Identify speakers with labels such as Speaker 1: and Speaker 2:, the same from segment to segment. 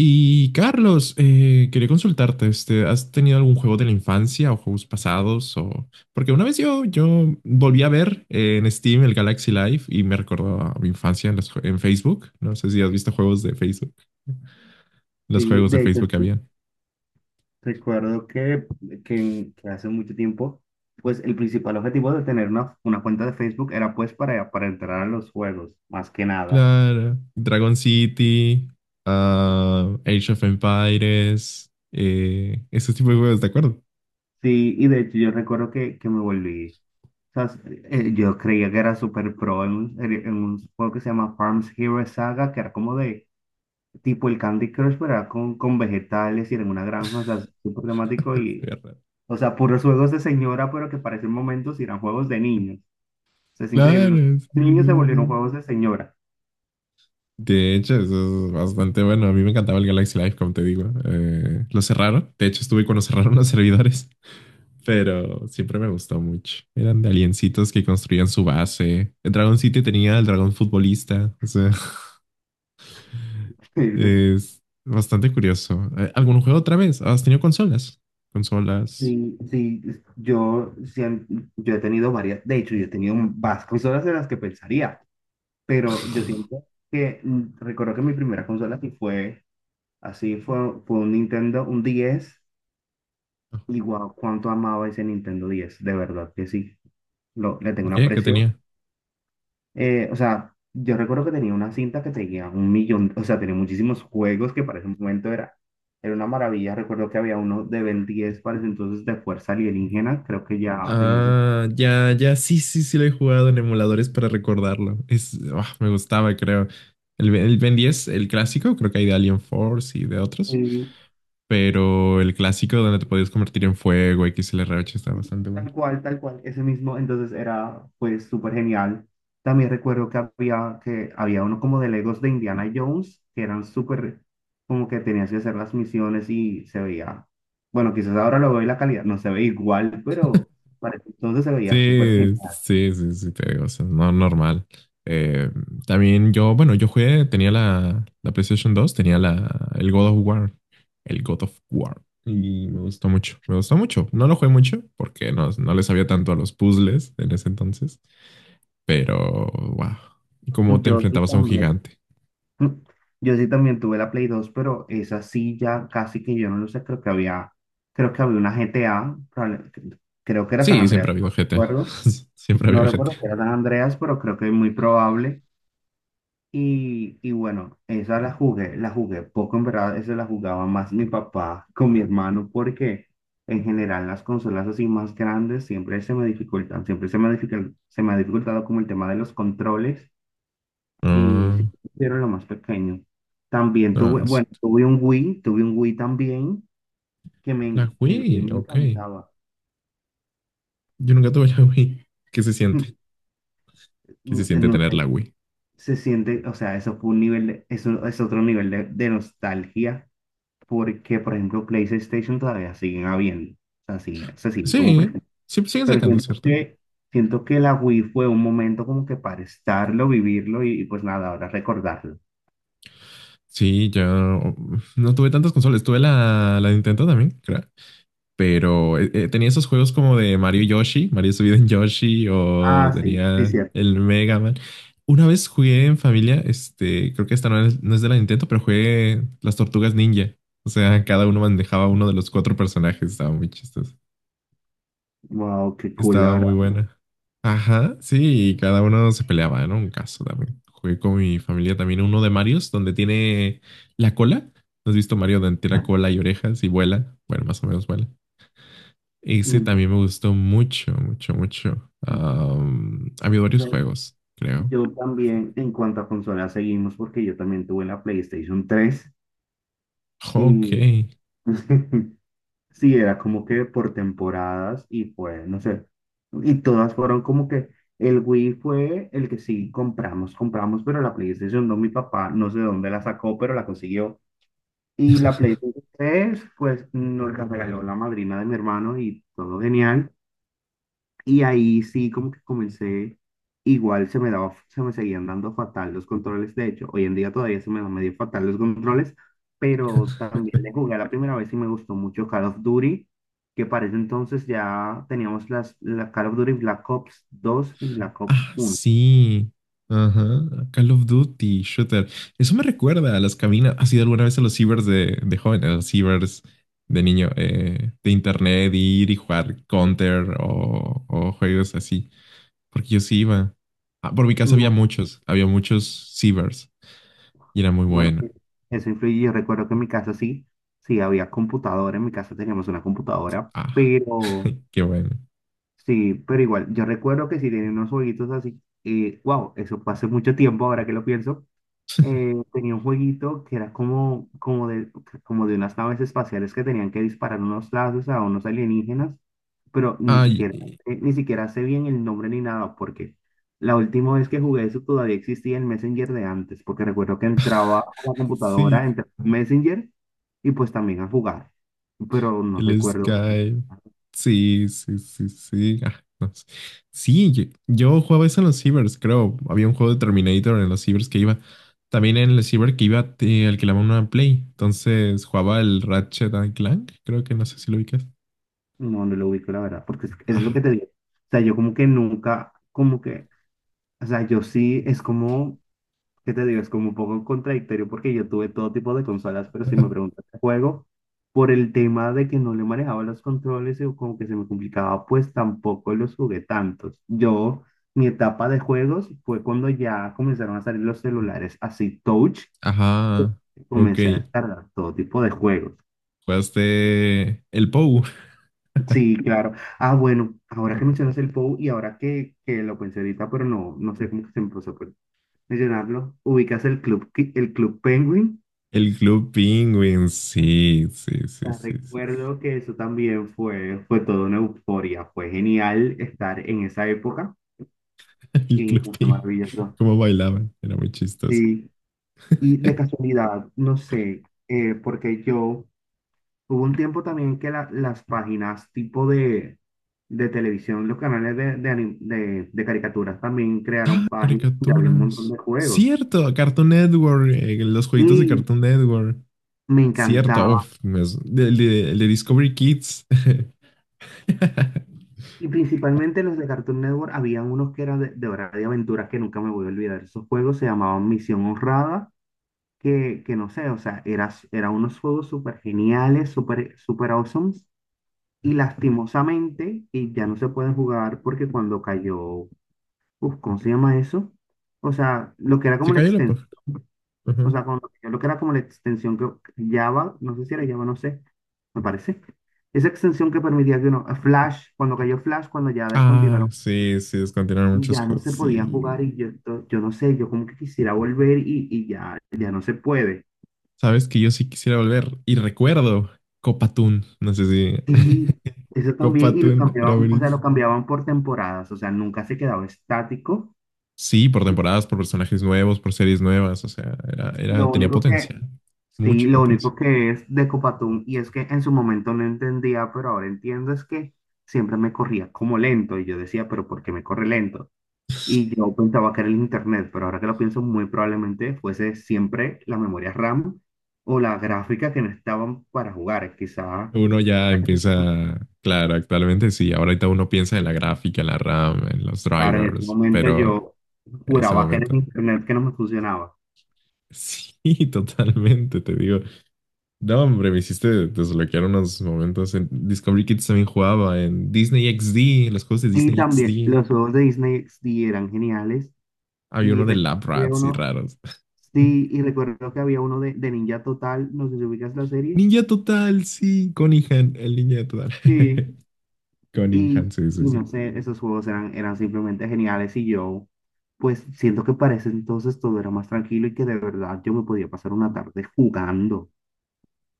Speaker 1: Y Carlos, quería consultarte, este, ¿has tenido algún juego de la infancia o juegos pasados? O... Porque una vez yo volví a ver en Steam el Galaxy Live y me recordó a mi infancia en, en Facebook. No sé si has visto juegos de Facebook, los
Speaker 2: Sí,
Speaker 1: juegos de
Speaker 2: de hecho,
Speaker 1: Facebook que
Speaker 2: sí.
Speaker 1: habían.
Speaker 2: Recuerdo que que hace mucho tiempo, pues el principal objetivo de tener una cuenta de Facebook era pues para entrar a los juegos, más que nada.
Speaker 1: Claro, Dragon City, ah, Age of Empires, ese tipo de juegos, ¿de acuerdo?
Speaker 2: Sí, y de hecho yo recuerdo que me volví, o sea, yo creía que era super pro en un juego que se llama Farms Hero Saga, que era como de tipo el Candy Crush, pero era con vegetales y era en una granja, o sea, súper temático
Speaker 1: Se
Speaker 2: y,
Speaker 1: veía raro.
Speaker 2: o sea, puros juegos de señora, pero que para ese momento sí eran juegos de niños. Sea, es increíble. Los
Speaker 1: Claro, sí, sí,
Speaker 2: niños se volvieron
Speaker 1: sí.
Speaker 2: juegos de señora.
Speaker 1: De hecho, eso es bastante bueno. A mí me encantaba el Galaxy Live, como te digo. Lo cerraron. De hecho, estuve cuando cerraron los servidores. Pero siempre me gustó mucho. Eran de aliencitos que construían su base. El Dragon City tenía el dragón futbolista. O sea,
Speaker 2: Increíble.
Speaker 1: es bastante curioso. ¿Algún juego otra vez? ¿Has tenido consolas? Consolas.
Speaker 2: Sí, sí, yo he tenido varias, de hecho, yo he tenido más consolas de las que pensaría, pero yo siento que recuerdo que mi primera consola sí fue así, fue un Nintendo, un 10
Speaker 1: Ajá.
Speaker 2: y guau, cuánto amaba ese Nintendo 10 de verdad que sí, le tengo
Speaker 1: ¿Por
Speaker 2: un
Speaker 1: qué? ¿Qué
Speaker 2: aprecio.
Speaker 1: tenía?
Speaker 2: O sea, yo recuerdo que tenía una cinta que tenía un millón, o sea, tenía muchísimos juegos que para ese momento era una maravilla. Recuerdo que había uno de Ben 10 para ese entonces de Fuerza Alienígena, creo que ya tenía ese.
Speaker 1: Ah, ya, ya, sí, sí, sí lo he jugado en emuladores para recordarlo. Es, ah, me gustaba, creo. El Ben 10, el clásico, creo que hay de Alien Force y de otros,
Speaker 2: Sí,
Speaker 1: pero el clásico donde te podías convertir en fuego, XLR8, está
Speaker 2: sí,
Speaker 1: bastante bueno.
Speaker 2: tal cual, tal cual, ese mismo, entonces era pues súper genial. También recuerdo que había uno como de Legos de Indiana Jones, que eran súper, como que tenías que hacer las misiones y se veía, bueno, quizás ahora lo veo y la calidad no se ve igual, pero para ese entonces se veía súper
Speaker 1: Sí,
Speaker 2: genial.
Speaker 1: sí, sí, sí, te digo, o sea, no normal. Eh, también yo, bueno, yo jugué, tenía la PlayStation 2, tenía la, el God of War, el God of War, y me gustó mucho, me gustó mucho. No lo jugué mucho porque no le sabía tanto a los puzzles en ese entonces, pero, wow, cómo te
Speaker 2: Yo sí
Speaker 1: enfrentabas a un
Speaker 2: también.
Speaker 1: gigante.
Speaker 2: Mm. Yo sí también tuve la Play 2, pero esa sí ya casi que yo no lo sé. Creo que había una GTA, creo que era San
Speaker 1: Sí, siempre
Speaker 2: Andreas,
Speaker 1: ha
Speaker 2: no
Speaker 1: habido GTA,
Speaker 2: recuerdo.
Speaker 1: siempre ha
Speaker 2: No
Speaker 1: habido
Speaker 2: recuerdo si era
Speaker 1: GTA.
Speaker 2: San Andreas, pero creo que es muy probable. Y bueno, esa la jugué poco, en verdad, esa la jugaba más mi papá con mi hermano, porque en general las consolas así más grandes siempre se me dificultan, siempre se me ha dificultado como el tema de los controles y
Speaker 1: Ah,
Speaker 2: sí, hicieron lo más pequeño. También
Speaker 1: ah,
Speaker 2: tuve,
Speaker 1: sí.
Speaker 2: bueno, tuve un Wii también, que me,
Speaker 1: La
Speaker 2: el Wii
Speaker 1: Wii,
Speaker 2: me
Speaker 1: ok.
Speaker 2: encantaba.
Speaker 1: Yo nunca tuve la Wii. ¿Qué se siente? ¿Qué se
Speaker 2: No,
Speaker 1: siente
Speaker 2: no
Speaker 1: tener
Speaker 2: sé,
Speaker 1: la Wii?
Speaker 2: se siente, o sea, eso fue un nivel, eso es otro nivel de nostalgia, porque, por ejemplo, PlayStation todavía siguen habiendo, o sea, se siguen como
Speaker 1: Sí,
Speaker 2: presentes.
Speaker 1: sí, siguen
Speaker 2: Pero
Speaker 1: sacando,
Speaker 2: siento
Speaker 1: ¿cierto?
Speaker 2: que, siento que la Wii fue un momento como que para estarlo, vivirlo y pues nada, ahora recordarlo.
Speaker 1: Sí, yo no tuve tantas consolas. Tuve la Nintendo también, creo. Pero tenía esos juegos como de Mario y Yoshi, Mario subido en Yoshi, o
Speaker 2: Ah, sí, sí,
Speaker 1: tenía
Speaker 2: cierto.
Speaker 1: el Mega Man. Una vez jugué en familia, este, creo que esta no es de la Nintendo, pero jugué las Tortugas Ninja. O sea, cada uno manejaba uno de los cuatro personajes. Estaba muy chistoso.
Speaker 2: Wow, qué cool, la
Speaker 1: Estaba
Speaker 2: verdad.
Speaker 1: muy buena. Ajá, sí, y cada uno se peleaba, ¿no? Un caso también. Jugué con mi familia también uno de Marios, donde tiene la cola. ¿No has visto Mario donde tiene la cola y orejas y vuela? Bueno, más o menos vuela. Ese
Speaker 2: Mm,
Speaker 1: también me gustó mucho, mucho, mucho.
Speaker 2: mm.
Speaker 1: Am, ha habido
Speaker 2: O
Speaker 1: varios
Speaker 2: sea,
Speaker 1: juegos, creo.
Speaker 2: yo también, en cuanto a consolas, seguimos porque yo también tuve la PlayStation 3
Speaker 1: Ok.
Speaker 2: y sí, era como que por temporadas y fue, no sé, y todas fueron como que el Wii fue el que sí compramos, pero la PlayStation no, mi papá no sé de dónde la sacó, pero la consiguió. Y la PlayStation 3 pues nos la regaló la madrina de mi hermano y todo genial. Y ahí sí, como que comencé, igual se me seguían dando fatal los controles. De hecho, hoy en día todavía se me dan medio fatal los controles, pero también le jugué la primera vez y me gustó mucho Call of Duty, que para ese entonces ya teníamos la Call of Duty Black Ops 2 y Black Ops
Speaker 1: Ah,
Speaker 2: uno
Speaker 1: sí. Ajá. Call of Duty, Shooter. Eso me recuerda a las cabinas. ¿Has ido alguna vez a los cibers de joven, a los cibers de niño, de internet, ir y jugar Counter o juegos así? Porque yo sí iba. Ah, por mi casa
Speaker 2: No,
Speaker 1: había muchos cibers y era muy
Speaker 2: bueno,
Speaker 1: bueno.
Speaker 2: eso influye. Yo recuerdo que en mi casa sí, sí había computadora, en mi casa teníamos una computadora,
Speaker 1: Ah,
Speaker 2: pero
Speaker 1: qué bueno.
Speaker 2: sí, pero igual, yo recuerdo que si tenía unos jueguitos así, wow, eso fue hace mucho tiempo, ahora que lo pienso, tenía un jueguito que era como de, unas naves espaciales que tenían que disparar unos lazos a unos alienígenas, pero
Speaker 1: Ay,
Speaker 2: ni siquiera sé bien el nombre ni nada, porque la última vez que jugué eso todavía existía el Messenger de antes, porque recuerdo que entraba a la
Speaker 1: sí,
Speaker 2: computadora, entraba a Messenger y pues también a jugar, pero no
Speaker 1: el
Speaker 2: recuerdo más.
Speaker 1: Skype. Sí, sí, sí, sí. Ah, no sé. Sí, yo jugaba eso en los cibers, creo. Había un juego de Terminator en los cibers que iba. También en el ciber que iba, te alquilaba una Play. Entonces jugaba el Ratchet and Clank, creo que no sé si lo ubicas.
Speaker 2: No, no lo ubico, la verdad, porque es lo
Speaker 1: Ah,
Speaker 2: que te digo. O sea, yo como que nunca, como que, o sea, yo sí, es como, ¿qué te digo? Es como un poco contradictorio porque yo tuve todo tipo de consolas, pero si me preguntas de juego, por el tema de que no le manejaba los controles y como que se me complicaba, pues tampoco los jugué tantos. Yo, mi etapa de juegos fue cuando ya comenzaron a salir los celulares así touch,
Speaker 1: ajá, ok.
Speaker 2: comencé a descargar todo tipo de juegos.
Speaker 1: Jugaste el POU,
Speaker 2: Sí, claro. Ah, bueno, ahora que mencionas el POU y ahora que lo pensé ahorita, pero no, no sé cómo se me pasó por mencionarlo, ubicas el el Club Penguin.
Speaker 1: el Club Penguin. Sí, sí,
Speaker 2: O
Speaker 1: sí,
Speaker 2: sea,
Speaker 1: sí, sí. Sí.
Speaker 2: recuerdo que eso también fue, fue toda una euforia. Fue genial estar en esa época
Speaker 1: El
Speaker 2: y
Speaker 1: Club
Speaker 2: fue
Speaker 1: Penguin.
Speaker 2: maravilloso.
Speaker 1: Cómo bailaban, era muy chistoso.
Speaker 2: Sí, y de casualidad, no sé, porque yo hubo un tiempo también que las páginas tipo de televisión, los canales de, de caricaturas también crearon páginas donde había un montón
Speaker 1: Caricaturas.
Speaker 2: de juegos.
Speaker 1: Cierto, Cartoon Network, los jueguitos de
Speaker 2: Sí,
Speaker 1: Cartoon Network.
Speaker 2: me
Speaker 1: Cierto,
Speaker 2: encantaba.
Speaker 1: uf, me el de Discovery Kids.
Speaker 2: Y principalmente los de Cartoon Network, habían unos que eran de Hora de Aventuras que nunca me voy a olvidar. Esos juegos se llamaban Misión Honrada, que no sé, o sea, era unos juegos súper geniales, súper super awesome. Y lastimosamente, y ya no se pueden jugar porque cuando cayó, uf, ¿cómo se llama eso? O sea, lo que era
Speaker 1: Se
Speaker 2: como la
Speaker 1: cayó la
Speaker 2: extensión,
Speaker 1: página.
Speaker 2: o
Speaker 1: Ajá.
Speaker 2: sea, lo que era como la extensión que Java, no sé si era Java, no sé, me parece. Esa extensión que permitía que uno, Flash, cuando cayó Flash, cuando ya
Speaker 1: Ah,
Speaker 2: descontinuaron,
Speaker 1: sí, sí, descontinuaron muchos
Speaker 2: ya no
Speaker 1: juegos.
Speaker 2: se podía jugar
Speaker 1: Sí.
Speaker 2: y yo, yo no sé, yo como que quisiera volver y ya, ya no se puede.
Speaker 1: Sabes que yo sí quisiera volver. Y recuerdo Copatún, no sé si.
Speaker 2: Sí, eso también, y lo
Speaker 1: Copatún era
Speaker 2: cambiaban, o sea, lo
Speaker 1: buenísimo.
Speaker 2: cambiaban por temporadas, o sea, nunca se quedaba estático.
Speaker 1: Sí, por temporadas, por personajes nuevos, por series nuevas, o sea, era, era,
Speaker 2: Lo
Speaker 1: tenía
Speaker 2: único que,
Speaker 1: potencia,
Speaker 2: sí,
Speaker 1: mucha
Speaker 2: lo
Speaker 1: potencia.
Speaker 2: único que es de Copatún, y es que en su momento no entendía, pero ahora entiendo, es que siempre me corría como lento, y yo decía, pero ¿por qué me corre lento? Y yo pensaba que era el internet, pero ahora que lo pienso, muy probablemente fuese siempre la memoria RAM o la gráfica que no estaban para jugar. Quizá,
Speaker 1: Uno ya empieza, claro, actualmente sí, ahorita uno piensa en la gráfica, en la RAM, en los
Speaker 2: claro, en ese
Speaker 1: drivers,
Speaker 2: momento
Speaker 1: pero
Speaker 2: yo
Speaker 1: en ese
Speaker 2: juraba que era el
Speaker 1: momento,
Speaker 2: internet que no me funcionaba.
Speaker 1: sí, totalmente, te digo, no, hombre, me hiciste desbloquear unos momentos en Discovery Kids también jugaba en Disney XD, en los juegos de
Speaker 2: Y
Speaker 1: Disney
Speaker 2: también
Speaker 1: XD,
Speaker 2: los juegos de Disney sí eran geniales,
Speaker 1: había
Speaker 2: y
Speaker 1: uno de
Speaker 2: recuerdo
Speaker 1: Lab
Speaker 2: que había
Speaker 1: Rats y
Speaker 2: uno.
Speaker 1: raros.
Speaker 2: Sí, y recuerdo que había uno de Ninja Total, no sé si ubicas la serie.
Speaker 1: Ninja Total, sí, Cunningham, el Ninja Total.
Speaker 2: Sí. Y,
Speaker 1: Cunningham, sí, sí,
Speaker 2: y
Speaker 1: sí.
Speaker 2: no sé, esos juegos eran simplemente geniales y yo, pues siento que para ese entonces todo era más tranquilo y que de verdad yo me podía pasar una tarde jugando,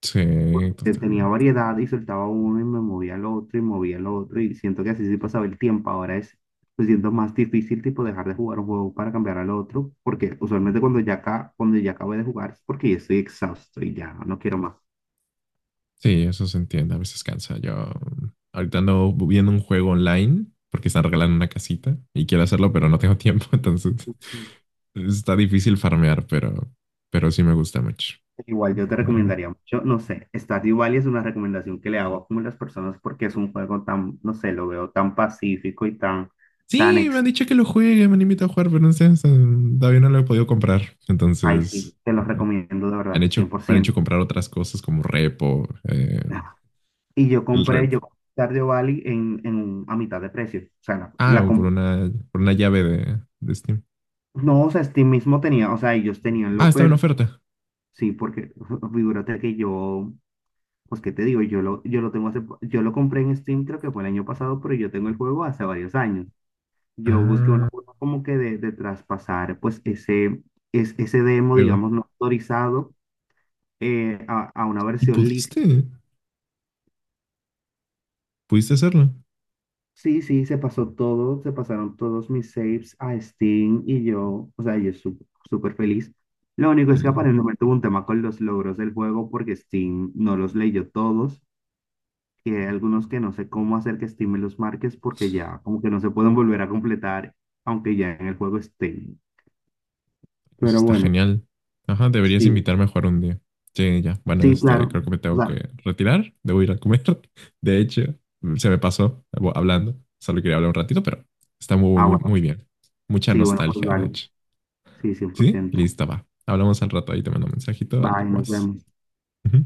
Speaker 1: Sí,
Speaker 2: porque tenía
Speaker 1: totalmente.
Speaker 2: variedad y soltaba uno y me movía al otro y movía al otro y siento que así sí pasaba el tiempo, ahora es, pues siento más difícil tipo dejar de jugar un juego para cambiar al otro, porque usualmente cuando ya, acá, cuando ya acabé de jugar es porque ya estoy exhausto y ya no quiero más.
Speaker 1: Sí, eso se entiende, a veces cansa. Yo ahorita ando viendo un juego online porque están regalando una casita y quiero hacerlo, pero no tengo tiempo, entonces está difícil farmear, pero sí me gusta mucho.
Speaker 2: Igual yo te
Speaker 1: Ah,
Speaker 2: recomendaría mucho, no sé, Stardew Valley es una recomendación que le hago a como las personas porque es un juego tan, no sé, lo veo tan pacífico y tan, tan
Speaker 1: sí, me han
Speaker 2: ex.
Speaker 1: dicho que lo juegue, me han invitado a jugar, pero no sé, todavía no lo he podido comprar.
Speaker 2: Ay, sí,
Speaker 1: Entonces,
Speaker 2: te lo recomiendo de verdad, cien por
Speaker 1: me han hecho
Speaker 2: ciento
Speaker 1: comprar otras cosas como repo,
Speaker 2: Y
Speaker 1: el rep.
Speaker 2: yo compré Stardew Valley en, a mitad de precio. O sea, la,
Speaker 1: Ah, o por una llave de Steam.
Speaker 2: No, o sea, Steam mismo tenía, o sea, ellos tenían
Speaker 1: Ah,
Speaker 2: lo
Speaker 1: estaba en
Speaker 2: per,
Speaker 1: oferta.
Speaker 2: sí, porque figúrate que yo, pues, ¿qué te digo? Yo lo tengo hace, yo lo compré en Steam, creo que fue el año pasado, pero yo tengo el juego hace varios años. Yo busqué una
Speaker 1: Ah,
Speaker 2: forma como que de traspasar pues ese, ese demo,
Speaker 1: juego.
Speaker 2: digamos, no autorizado, a una
Speaker 1: ¿Y
Speaker 2: versión
Speaker 1: pudiste?
Speaker 2: lícita.
Speaker 1: Pudiste hacerlo.
Speaker 2: Sí, sí, se pasaron todos mis saves a Steam y yo, o sea, yo súper feliz. Lo único es que
Speaker 1: El-
Speaker 2: aparentemente tuvo un tema con los logros del juego porque Steam no los leyó todos y hay algunos que no sé cómo hacer que Steam me los marques porque ya como que no se pueden volver a completar aunque ya en el juego estén.
Speaker 1: Eso
Speaker 2: Pero
Speaker 1: está
Speaker 2: bueno,
Speaker 1: genial. Ajá, deberías
Speaker 2: sí,
Speaker 1: invitarme a jugar un día. Sí, ya. Bueno,
Speaker 2: sí,
Speaker 1: este,
Speaker 2: claro.
Speaker 1: creo que me
Speaker 2: O
Speaker 1: tengo
Speaker 2: sea,
Speaker 1: que retirar. Debo ir a comer. De hecho, se me pasó hablando. Solo quería hablar un ratito, pero está
Speaker 2: ah,
Speaker 1: muy,
Speaker 2: bueno.
Speaker 1: muy bien. Mucha
Speaker 2: Sí, bueno, pues
Speaker 1: nostalgia, de
Speaker 2: vale.
Speaker 1: hecho.
Speaker 2: Sí, cien por
Speaker 1: ¿Sí?
Speaker 2: ciento
Speaker 1: Lista, va. Hablamos al rato. Ahí te mando un mensajito al
Speaker 2: Bye, nos
Speaker 1: WhatsApp.
Speaker 2: vemos.
Speaker 1: Ujú.